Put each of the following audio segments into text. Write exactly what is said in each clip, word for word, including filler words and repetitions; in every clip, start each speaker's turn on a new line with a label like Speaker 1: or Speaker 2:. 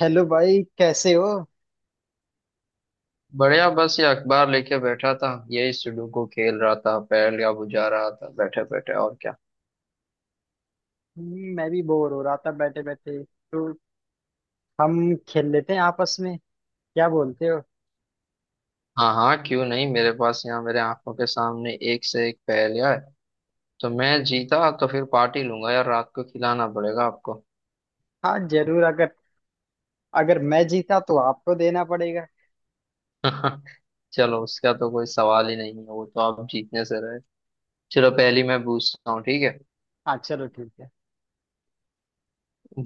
Speaker 1: Hello भाई कैसे हो।
Speaker 2: बढ़िया। बस ये अखबार लेके बैठा था, यही सुडोकू खेल रहा था, पहेल या बुझा रहा था बैठे बैठे, और क्या।
Speaker 1: हम्म, मैं भी बोर हो रहा था बैठे बैठे। तो हम खेल लेते हैं आपस में। क्या बोलते हो।
Speaker 2: हाँ हाँ, क्यों नहीं, मेरे पास यहाँ मेरे आंखों के सामने एक से एक पहेलियाँ है। तो मैं जीता तो फिर पार्टी लूंगा यार, रात को खिलाना पड़ेगा आपको।
Speaker 1: हाँ जरूर। अगर अगर मैं जीता तो आपको देना पड़ेगा।
Speaker 2: चलो, उसका तो कोई सवाल ही नहीं है, वो तो आप जीतने से रहे। चलो, पहली मैं पूछता हूँ, ठीक है।
Speaker 1: हाँ चलो ठीक है।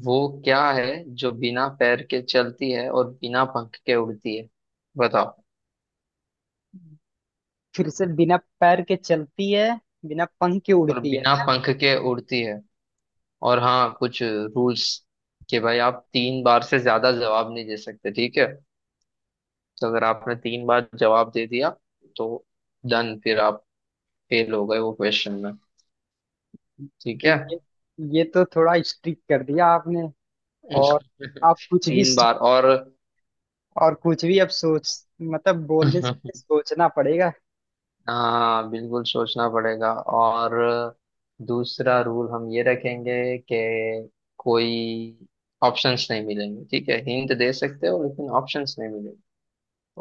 Speaker 2: वो क्या है जो बिना पैर के चलती है और बिना पंख के उड़ती है? बताओ।
Speaker 1: फिर से, बिना पैर के चलती है, बिना पंख के
Speaker 2: और
Speaker 1: उड़ती है।
Speaker 2: बिना पंख के उड़ती है। और हाँ, कुछ रूल्स कि भाई आप तीन बार से ज्यादा जवाब नहीं दे सकते, ठीक है। तो अगर आपने तीन बार जवाब दे दिया तो डन, फिर आप फेल हो गए वो क्वेश्चन में। ठीक है।
Speaker 1: ये ये तो थोड़ा स्ट्रिक कर दिया आपने। और आप कुछ भी
Speaker 2: तीन
Speaker 1: सो-
Speaker 2: बार और।
Speaker 1: और कुछ भी अब सोच, मतलब बोलने से पहले सोचना पड़ेगा।
Speaker 2: हाँ बिल्कुल, सोचना पड़ेगा। और दूसरा रूल हम ये रखेंगे कि कोई ऑप्शंस नहीं मिलेंगे, ठीक है। हिंट दे सकते हो लेकिन ऑप्शंस नहीं मिलेंगे।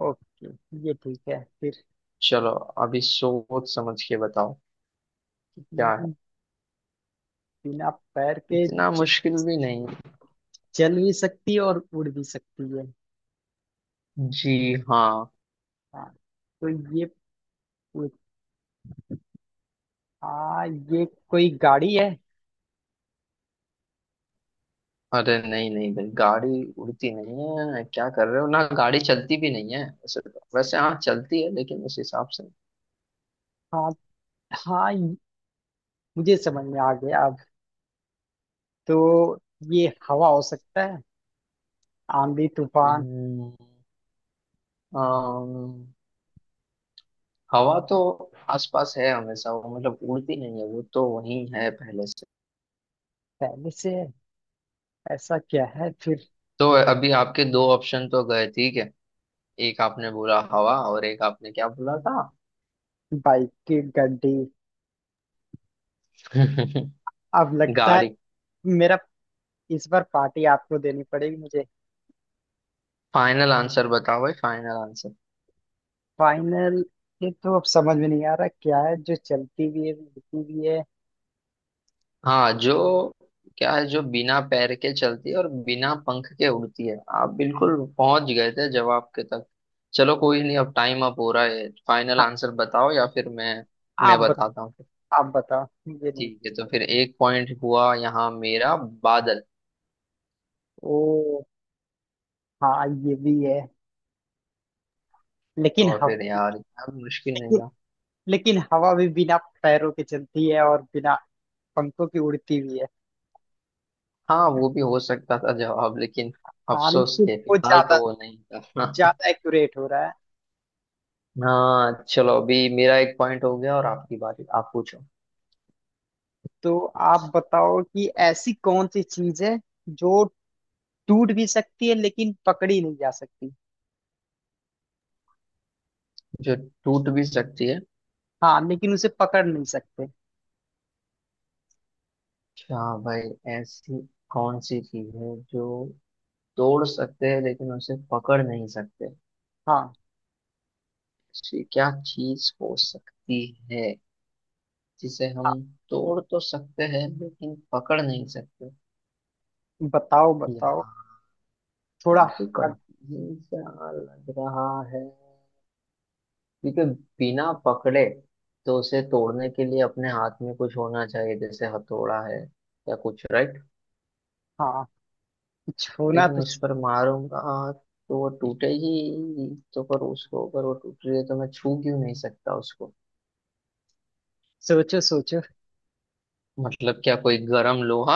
Speaker 1: ओके, ये ठीक है फिर।
Speaker 2: चलो, अभी सोच समझ के बताओ कि क्या है।
Speaker 1: हम्म, बिना पैर के
Speaker 2: इतना मुश्किल भी नहीं।
Speaker 1: चल भी सकती है और उड़ भी सकती है।
Speaker 2: जी हाँ।
Speaker 1: हाँ तो ये पूछ- हाँ, ये कोई गाड़ी है?
Speaker 2: अरे नहीं नहीं भाई, गाड़ी उड़ती नहीं है, क्या कर रहे हो। ना गाड़ी चलती भी नहीं है वैसे, तो वैसे हाँ चलती है लेकिन उस हिसाब से।
Speaker 1: हाँ, हाँ ये- मुझे समझ में आ गया अब। तो ये हवा हो सकता है, आंधी तूफान।
Speaker 2: हम्म, अम, हवा तो आसपास है हमेशा वो, मतलब उड़ती नहीं है, वो तो वहीं है पहले से।
Speaker 1: पहले से है। ऐसा क्या है फिर?
Speaker 2: तो अभी आपके दो ऑप्शन तो गए, ठीक है। एक आपने बोला हवा और एक आपने क्या बोला था?
Speaker 1: बाइक की गड्डी। अब लगता है
Speaker 2: गाड़ी।
Speaker 1: मेरा, इस बार पार्टी आपको देनी पड़ेगी मुझे।
Speaker 2: फाइनल आंसर बताओ भाई, फाइनल।
Speaker 1: फाइनल, ये तो अब समझ में नहीं आ रहा क्या है जो चलती भी है उड़ती भी है।
Speaker 2: हाँ, जो क्या है जो बिना पैर के चलती है और बिना पंख के उड़ती है? आप बिल्कुल पहुंच गए थे जवाब के तक। चलो कोई नहीं, अब टाइम अप हो रहा है, फाइनल
Speaker 1: हाँ।
Speaker 2: आंसर बताओ या फिर मैं
Speaker 1: आप
Speaker 2: मैं
Speaker 1: बत,
Speaker 2: बताता हूँ।
Speaker 1: आप बताओ, मुझे नहीं।
Speaker 2: ठीक है, तो फिर एक पॉइंट हुआ यहाँ मेरा। बादल।
Speaker 1: ओ, हाँ ये भी है। लेकिन
Speaker 2: तो
Speaker 1: हवा,
Speaker 2: फिर यार यार, मुश्किल नहीं
Speaker 1: लेकिन,
Speaker 2: था।
Speaker 1: लेकिन हवा भी बिना पैरों के चलती है और बिना पंखों की उड़ती भी है।
Speaker 2: हाँ वो भी हो सकता था जवाब, लेकिन
Speaker 1: हाँ
Speaker 2: अफसोस
Speaker 1: लेकिन
Speaker 2: के
Speaker 1: वो
Speaker 2: फिलहाल तो
Speaker 1: ज्यादा
Speaker 2: वो नहीं था।
Speaker 1: ज्यादा एक्यूरेट हो रहा है।
Speaker 2: हाँ चलो, अभी मेरा एक पॉइंट हो गया और आपकी बारी, आप पूछो।
Speaker 1: तो आप बताओ कि ऐसी कौन सी चीज है जो टूट भी सकती है लेकिन पकड़ी नहीं जा सकती।
Speaker 2: जो टूट भी सकती है।
Speaker 1: हाँ लेकिन उसे पकड़ नहीं सकते।
Speaker 2: अच्छा। भाई ऐसी कौन सी चीज है जो तोड़ सकते हैं लेकिन उसे पकड़ नहीं सकते?
Speaker 1: हाँ
Speaker 2: ऐसी क्या चीज हो सकती है जिसे हम
Speaker 1: हाँ।
Speaker 2: तोड़ तो सकते हैं लेकिन पकड़ नहीं सकते?
Speaker 1: बताओ बताओ।
Speaker 2: यार
Speaker 1: थोड़ा
Speaker 2: काफी
Speaker 1: hard-
Speaker 2: कंफ्यूज सा लग रहा है। क्योंकि बिना पकड़े तो उसे तोड़ने के लिए अपने हाथ में कुछ होना चाहिए, जैसे हथौड़ा है या कुछ, राइट।
Speaker 1: हाँ, कुछ होना
Speaker 2: लेकिन
Speaker 1: तो।
Speaker 2: उस पर मारूंगा तो वो टूटेगी तो, पर उसको ऊपर वो टूट रही है तो मैं छू क्यों नहीं सकता उसको?
Speaker 1: सोचो सोचो।
Speaker 2: मतलब क्या कोई गरम लोहा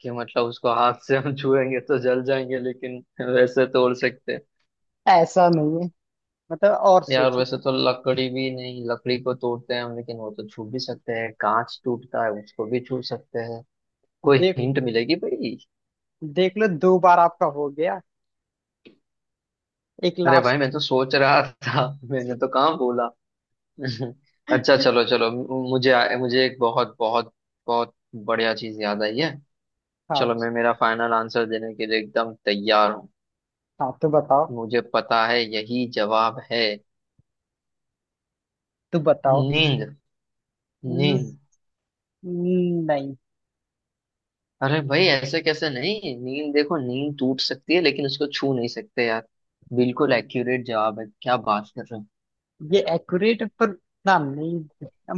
Speaker 2: कि मतलब उसको हाथ से हम छुएंगे तो जल जाएंगे, लेकिन वैसे तोड़ सकते हैं।
Speaker 1: ऐसा नहीं है, मतलब और
Speaker 2: यार
Speaker 1: सोचो।
Speaker 2: वैसे तो लकड़ी भी नहीं, लकड़ी को तोड़ते हैं हम लेकिन वो तो छू भी सकते हैं, कांच टूटता है उसको भी छू सकते हैं। कोई
Speaker 1: देखो,
Speaker 2: हिंट मिलेगी भाई?
Speaker 1: देख लो दो बार आपका हो गया, एक
Speaker 2: अरे भाई
Speaker 1: लास्ट।
Speaker 2: मैं तो सोच रहा था, मैंने तो कहाँ बोला। अच्छा चलो चलो, मु- मुझे आ- मुझे एक बहुत बहुत बहुत बढ़िया चीज याद आई है।
Speaker 1: हाँ।
Speaker 2: चलो, मैं मेरा फाइनल आंसर देने के लिए एकदम तैयार हूँ।
Speaker 1: हाँ तो बताओ।
Speaker 2: मुझे पता है यही जवाब है।
Speaker 1: तो बताओ।
Speaker 2: नींद।
Speaker 1: न-
Speaker 2: नींद।
Speaker 1: नहीं।
Speaker 2: अरे भाई ऐसे कैसे नहीं? नींद देखो, नींद टूट सकती है लेकिन उसको छू नहीं सकते यार। बिल्कुल एक्यूरेट जवाब है, क्या बात कर रहे
Speaker 1: ये एक्यूरेट पर, ना नहीं,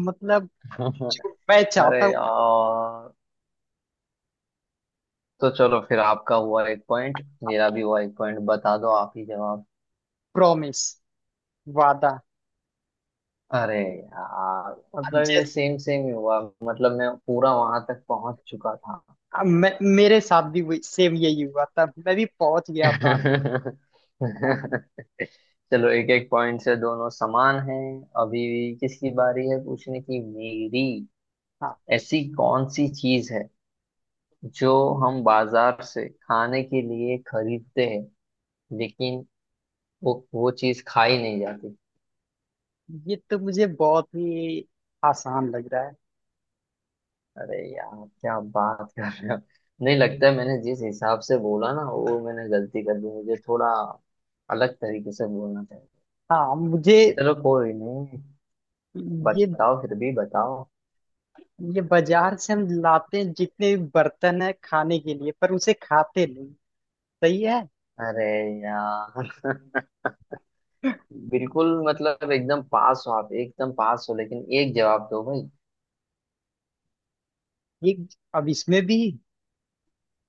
Speaker 1: मतलब
Speaker 2: हो।
Speaker 1: जो मैं
Speaker 2: अरे
Speaker 1: चाहता हूँ।
Speaker 2: यार। तो चलो, फिर आपका हुआ एक पॉइंट, मेरा भी हुआ एक पॉइंट, बता दो आप ही जवाब।
Speaker 1: प्रॉमिस, वादा।
Speaker 2: अरे यार, मतलब ये
Speaker 1: जैसे
Speaker 2: सेम सेम ही हुआ, मतलब मैं पूरा वहां तक पहुंच चुका था।
Speaker 1: मैं, मेरे साथ भी वही- सेम यही हुआ था, मैं भी पहुंच गया था। हाँ।
Speaker 2: चलो, एक एक पॉइंट से दोनों समान हैं। अभी किसकी बारी है पूछने की, मेरी।
Speaker 1: हाँ
Speaker 2: ऐसी कौन सी चीज है जो हम बाजार से खाने के लिए खरीदते हैं लेकिन वो वो चीज खाई नहीं जाती?
Speaker 1: ये तो मुझे बहुत ही आसान लग रहा है।
Speaker 2: अरे यार, क्या बात कर रहे हो। नहीं लगता है, मैंने जिस हिसाब से बोला ना वो, मैंने गलती कर दी, मुझे थोड़ा अलग तरीके से बोलना चाहिए।
Speaker 1: हाँ मुझे।
Speaker 2: चलो कोई नहीं,
Speaker 1: ये
Speaker 2: बताओ फिर भी बताओ।
Speaker 1: ये बाजार से हम लाते हैं जितने भी बर्तन है खाने के लिए, पर उसे खाते नहीं। सही है।
Speaker 2: अरे यार, बिल्कुल मतलब एकदम पास हो, आप एकदम पास हो, लेकिन एक जवाब दो भाई।
Speaker 1: ये अब इसमें भी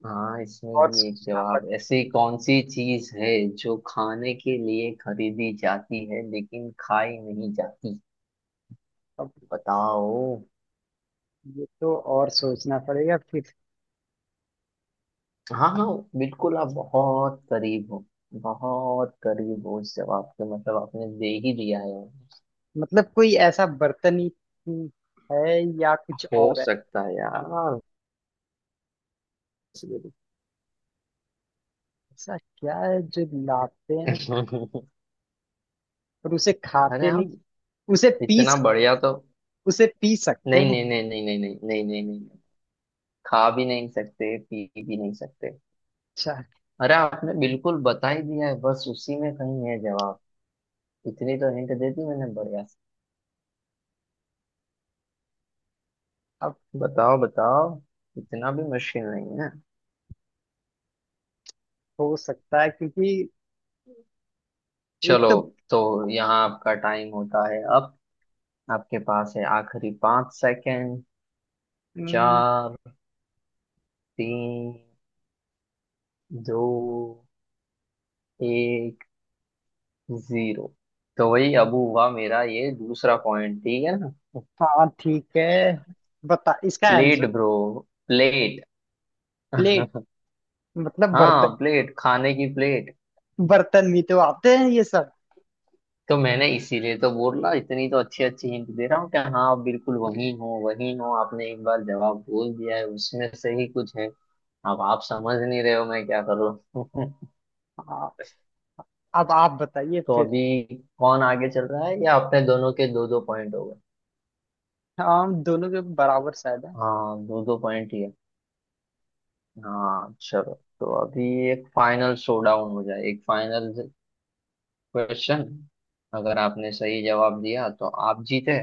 Speaker 2: हाँ इसमें
Speaker 1: और
Speaker 2: भी एक
Speaker 1: सोचना
Speaker 2: जवाब,
Speaker 1: पड़ेगा।
Speaker 2: ऐसी कौन सी चीज है जो खाने के लिए खरीदी जाती है लेकिन खाई नहीं जाती?
Speaker 1: अब
Speaker 2: बताओ।
Speaker 1: ये तो और सोचना पड़ेगा फिर।
Speaker 2: हाँ हाँ बिल्कुल, आप बहुत करीब हो, बहुत करीब हो उस जवाब के, मतलब आपने दे ही दिया है।
Speaker 1: मतलब कोई ऐसा बर्तन ही ही है या कुछ
Speaker 2: हो
Speaker 1: और है?
Speaker 2: सकता है यार।
Speaker 1: ऐसा क्या है जो लाते हैं पर उसे
Speaker 2: अरे
Speaker 1: खाते नहीं?
Speaker 2: आप,
Speaker 1: उसे पी
Speaker 2: इतना
Speaker 1: सक-
Speaker 2: बढ़िया तो,
Speaker 1: उसे पी सकते
Speaker 2: नहीं
Speaker 1: हैं?
Speaker 2: नहीं नहीं नहीं नहीं नहीं नहीं नहीं नहीं नहीं। खा भी नहीं सकते पी भी नहीं सकते।
Speaker 1: अच्छा।
Speaker 2: अरे आपने बिल्कुल बता ही दिया है, बस उसी में कहीं है जवाब। इतनी तो हिंट दे दी मैंने बढ़िया से।
Speaker 1: अब
Speaker 2: बताओ बताओ। इतना भी मुश्किल नहीं है।
Speaker 1: हो सकता है क्योंकि एक
Speaker 2: चलो,
Speaker 1: तो,
Speaker 2: तो यहाँ आपका टाइम होता है अब, आपके पास है आखिरी पांच सेकंड।
Speaker 1: हम्म,
Speaker 2: चार, तीन, दो, एक, जीरो। तो वही, अब हुआ मेरा ये दूसरा पॉइंट, ठीक है ना।
Speaker 1: हाँ ठीक है, बता इसका answer.
Speaker 2: Plate bro. Plate.
Speaker 1: Plate, मतलब बर्तन?
Speaker 2: हाँ प्लेट, खाने की प्लेट।
Speaker 1: बर्तन भी तो आते हैं ये सब।
Speaker 2: तो मैंने इसीलिए तो बोला, इतनी तो अच्छी अच्छी हिंट दे रहा हूँ कि हाँ आप बिल्कुल वही हो वही हो, आपने एक बार जवाब बोल दिया है उसमें से ही कुछ है। अब आप समझ नहीं रहे हो मैं क्या कर रहा हूँ।
Speaker 1: हाँ। अब आप बताइए
Speaker 2: तो
Speaker 1: फिर।
Speaker 2: अभी कौन आगे चल रहा है, या अपने दोनों के दो दो पॉइंट हो गए?
Speaker 1: हाँ, हम दोनों के बराबर शायद है।
Speaker 2: हाँ दो दो पॉइंट ही है। हाँ चलो, तो अभी एक फाइनल शोडाउन हो जाए, एक फाइनल क्वेश्चन। अगर आपने सही जवाब दिया तो आप जीते,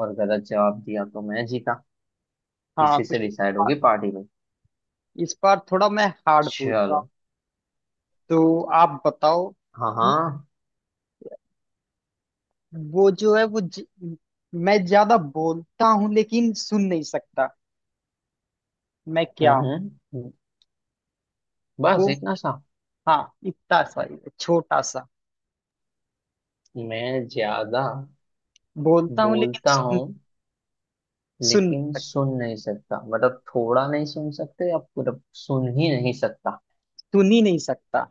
Speaker 2: और गलत जवाब दिया तो मैं जीता।
Speaker 1: हाँ
Speaker 2: इसी
Speaker 1: तो
Speaker 2: से
Speaker 1: इस
Speaker 2: डिसाइड
Speaker 1: बार
Speaker 2: होगी पार्टी में।
Speaker 1: इस बार थोड़ा मैं हार्ड पूछता हूँ।
Speaker 2: चलो।
Speaker 1: तो आप बताओ
Speaker 2: हाँ
Speaker 1: कि
Speaker 2: हाँ।
Speaker 1: वो जो है वो ज, मैं ज्यादा बोलता हूँ लेकिन सुन नहीं सकता। मैं क्या
Speaker 2: हम्म
Speaker 1: हूँ?
Speaker 2: हम्म,
Speaker 1: वो,
Speaker 2: बस इतना सा।
Speaker 1: हाँ इतना सा ही है, छोटा सा।
Speaker 2: मैं ज्यादा
Speaker 1: बोलता हूँ लेकिन
Speaker 2: बोलता
Speaker 1: सुन,
Speaker 2: हूँ
Speaker 1: सुन नहीं
Speaker 2: लेकिन
Speaker 1: सकता।
Speaker 2: सुन नहीं सकता, मतलब थोड़ा नहीं सुन सकते या पूरा सुन ही नहीं सकता?
Speaker 1: सुन ही नहीं सकता,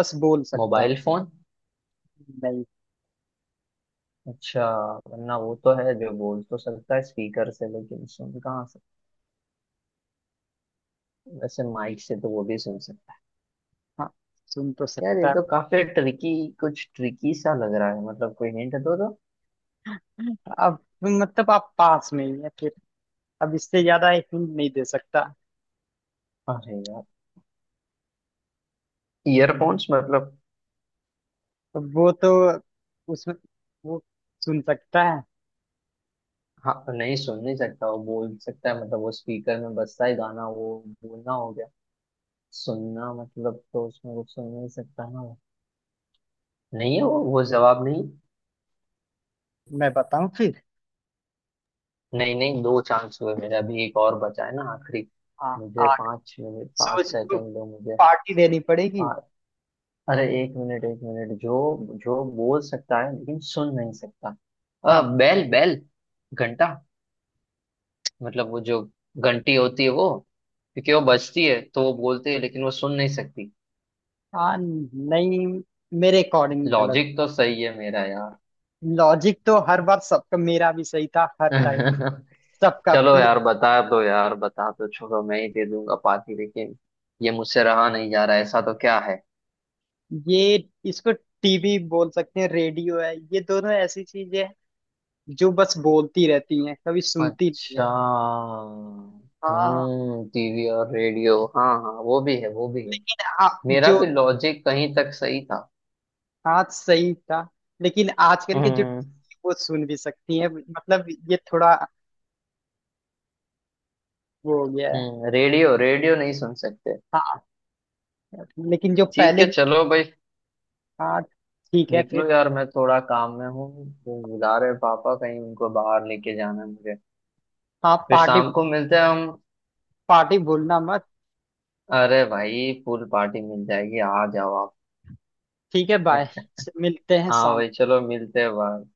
Speaker 1: बस बोल सकता हूँ।
Speaker 2: Mobile phone.
Speaker 1: नहीं।
Speaker 2: अच्छा, वरना वो तो है जो बोल तो सकता है स्पीकर से लेकिन सुन कहाँ सकता। वैसे माइक से तो वो भी सुन सकता।
Speaker 1: हाँ सुन तो
Speaker 2: यार ये
Speaker 1: सकता है।
Speaker 2: तो काफी ट्रिकी, कुछ ट्रिकी सा लग रहा है, मतलब कोई हिंट दो तो।
Speaker 1: अब मतलब आप पास में ही है फिर, अब इससे ज्यादा एक हिंट नहीं दे सकता।
Speaker 2: अरे यार, ईयरफोन्स मतलब।
Speaker 1: अब वो तो उसमें वो सुन सकता है।
Speaker 2: हाँ नहीं, सुन नहीं सकता, वो बोल सकता है, मतलब वो स्पीकर में बजता है गाना, वो बोलना हो गया, सुनना मतलब तो उसमें कुछ सुन नहीं सकता ना वो। नहीं है वो वो जवाब नहीं।
Speaker 1: मैं बताऊं फिर?
Speaker 2: नहीं नहीं, दो चांस हुए मेरे, अभी एक और बचा है ना आखिरी।
Speaker 1: हाँ।
Speaker 2: मुझे
Speaker 1: आग।
Speaker 2: पाँच मिनट पाँच
Speaker 1: सोच लो,
Speaker 2: सेकंड दो मुझे।
Speaker 1: पार्टी देनी पड़ेगी।
Speaker 2: पा, अरे एक मिनट एक मिनट, जो जो बोल सकता है लेकिन सुन नहीं सकता। अ,
Speaker 1: हाँ।
Speaker 2: बैल बैल। घंटा। मतलब वो जो घंटी होती है वो, क्योंकि वो बजती है तो वो बोलती है लेकिन वो सुन नहीं सकती।
Speaker 1: हाँ नहीं, मेरे अकॉर्डिंग गलत।
Speaker 2: लॉजिक तो सही है मेरा यार।
Speaker 1: लॉजिक तो हर बार सबका, मेरा भी सही था हर टाइम। सबका
Speaker 2: चलो
Speaker 1: प्ले।
Speaker 2: यार बता दो यार बता दो, छोड़ो मैं ही दे दूंगा पार्टी, लेकिन ये मुझसे रहा नहीं जा रहा, ऐसा तो क्या?
Speaker 1: ये, इसको टीवी बोल सकते हैं, रेडियो है, ये दोनों ऐसी चीजें हैं जो बस बोलती रहती हैं, कभी सुनती नहीं है।
Speaker 2: अच्छा।
Speaker 1: हाँ
Speaker 2: हम्म टीवी और रेडियो, हाँ हाँ वो भी है वो भी है।
Speaker 1: लेकिन आप
Speaker 2: मेरा
Speaker 1: जो,
Speaker 2: भी लॉजिक कहीं तक सही था।
Speaker 1: हाँ सही था, लेकिन आजकल के जो,
Speaker 2: हम्म
Speaker 1: वो सुन भी सकती हैं, मतलब ये थोड़ा वो हो गया है।
Speaker 2: हम्म रेडियो रेडियो नहीं सुन सकते।
Speaker 1: हाँ लेकिन जो
Speaker 2: ठीक
Speaker 1: पहले।
Speaker 2: है चलो भाई,
Speaker 1: हाँ ठीक है फिर।
Speaker 2: निकलो यार मैं थोड़ा काम में हूँ, वो बुला रहे पापा, कहीं उनको बाहर लेके जाना है मुझे।
Speaker 1: हाँ
Speaker 2: फिर
Speaker 1: पार्टी,
Speaker 2: शाम को मिलते हैं हम।
Speaker 1: पार्टी भूलना मत।
Speaker 2: अरे भाई, फुल पार्टी मिल जाएगी, आ जाओ आप।
Speaker 1: ठीक है बाय, मिलते हैं
Speaker 2: हाँ
Speaker 1: शाम।
Speaker 2: भाई चलो, मिलते हैं बाहर।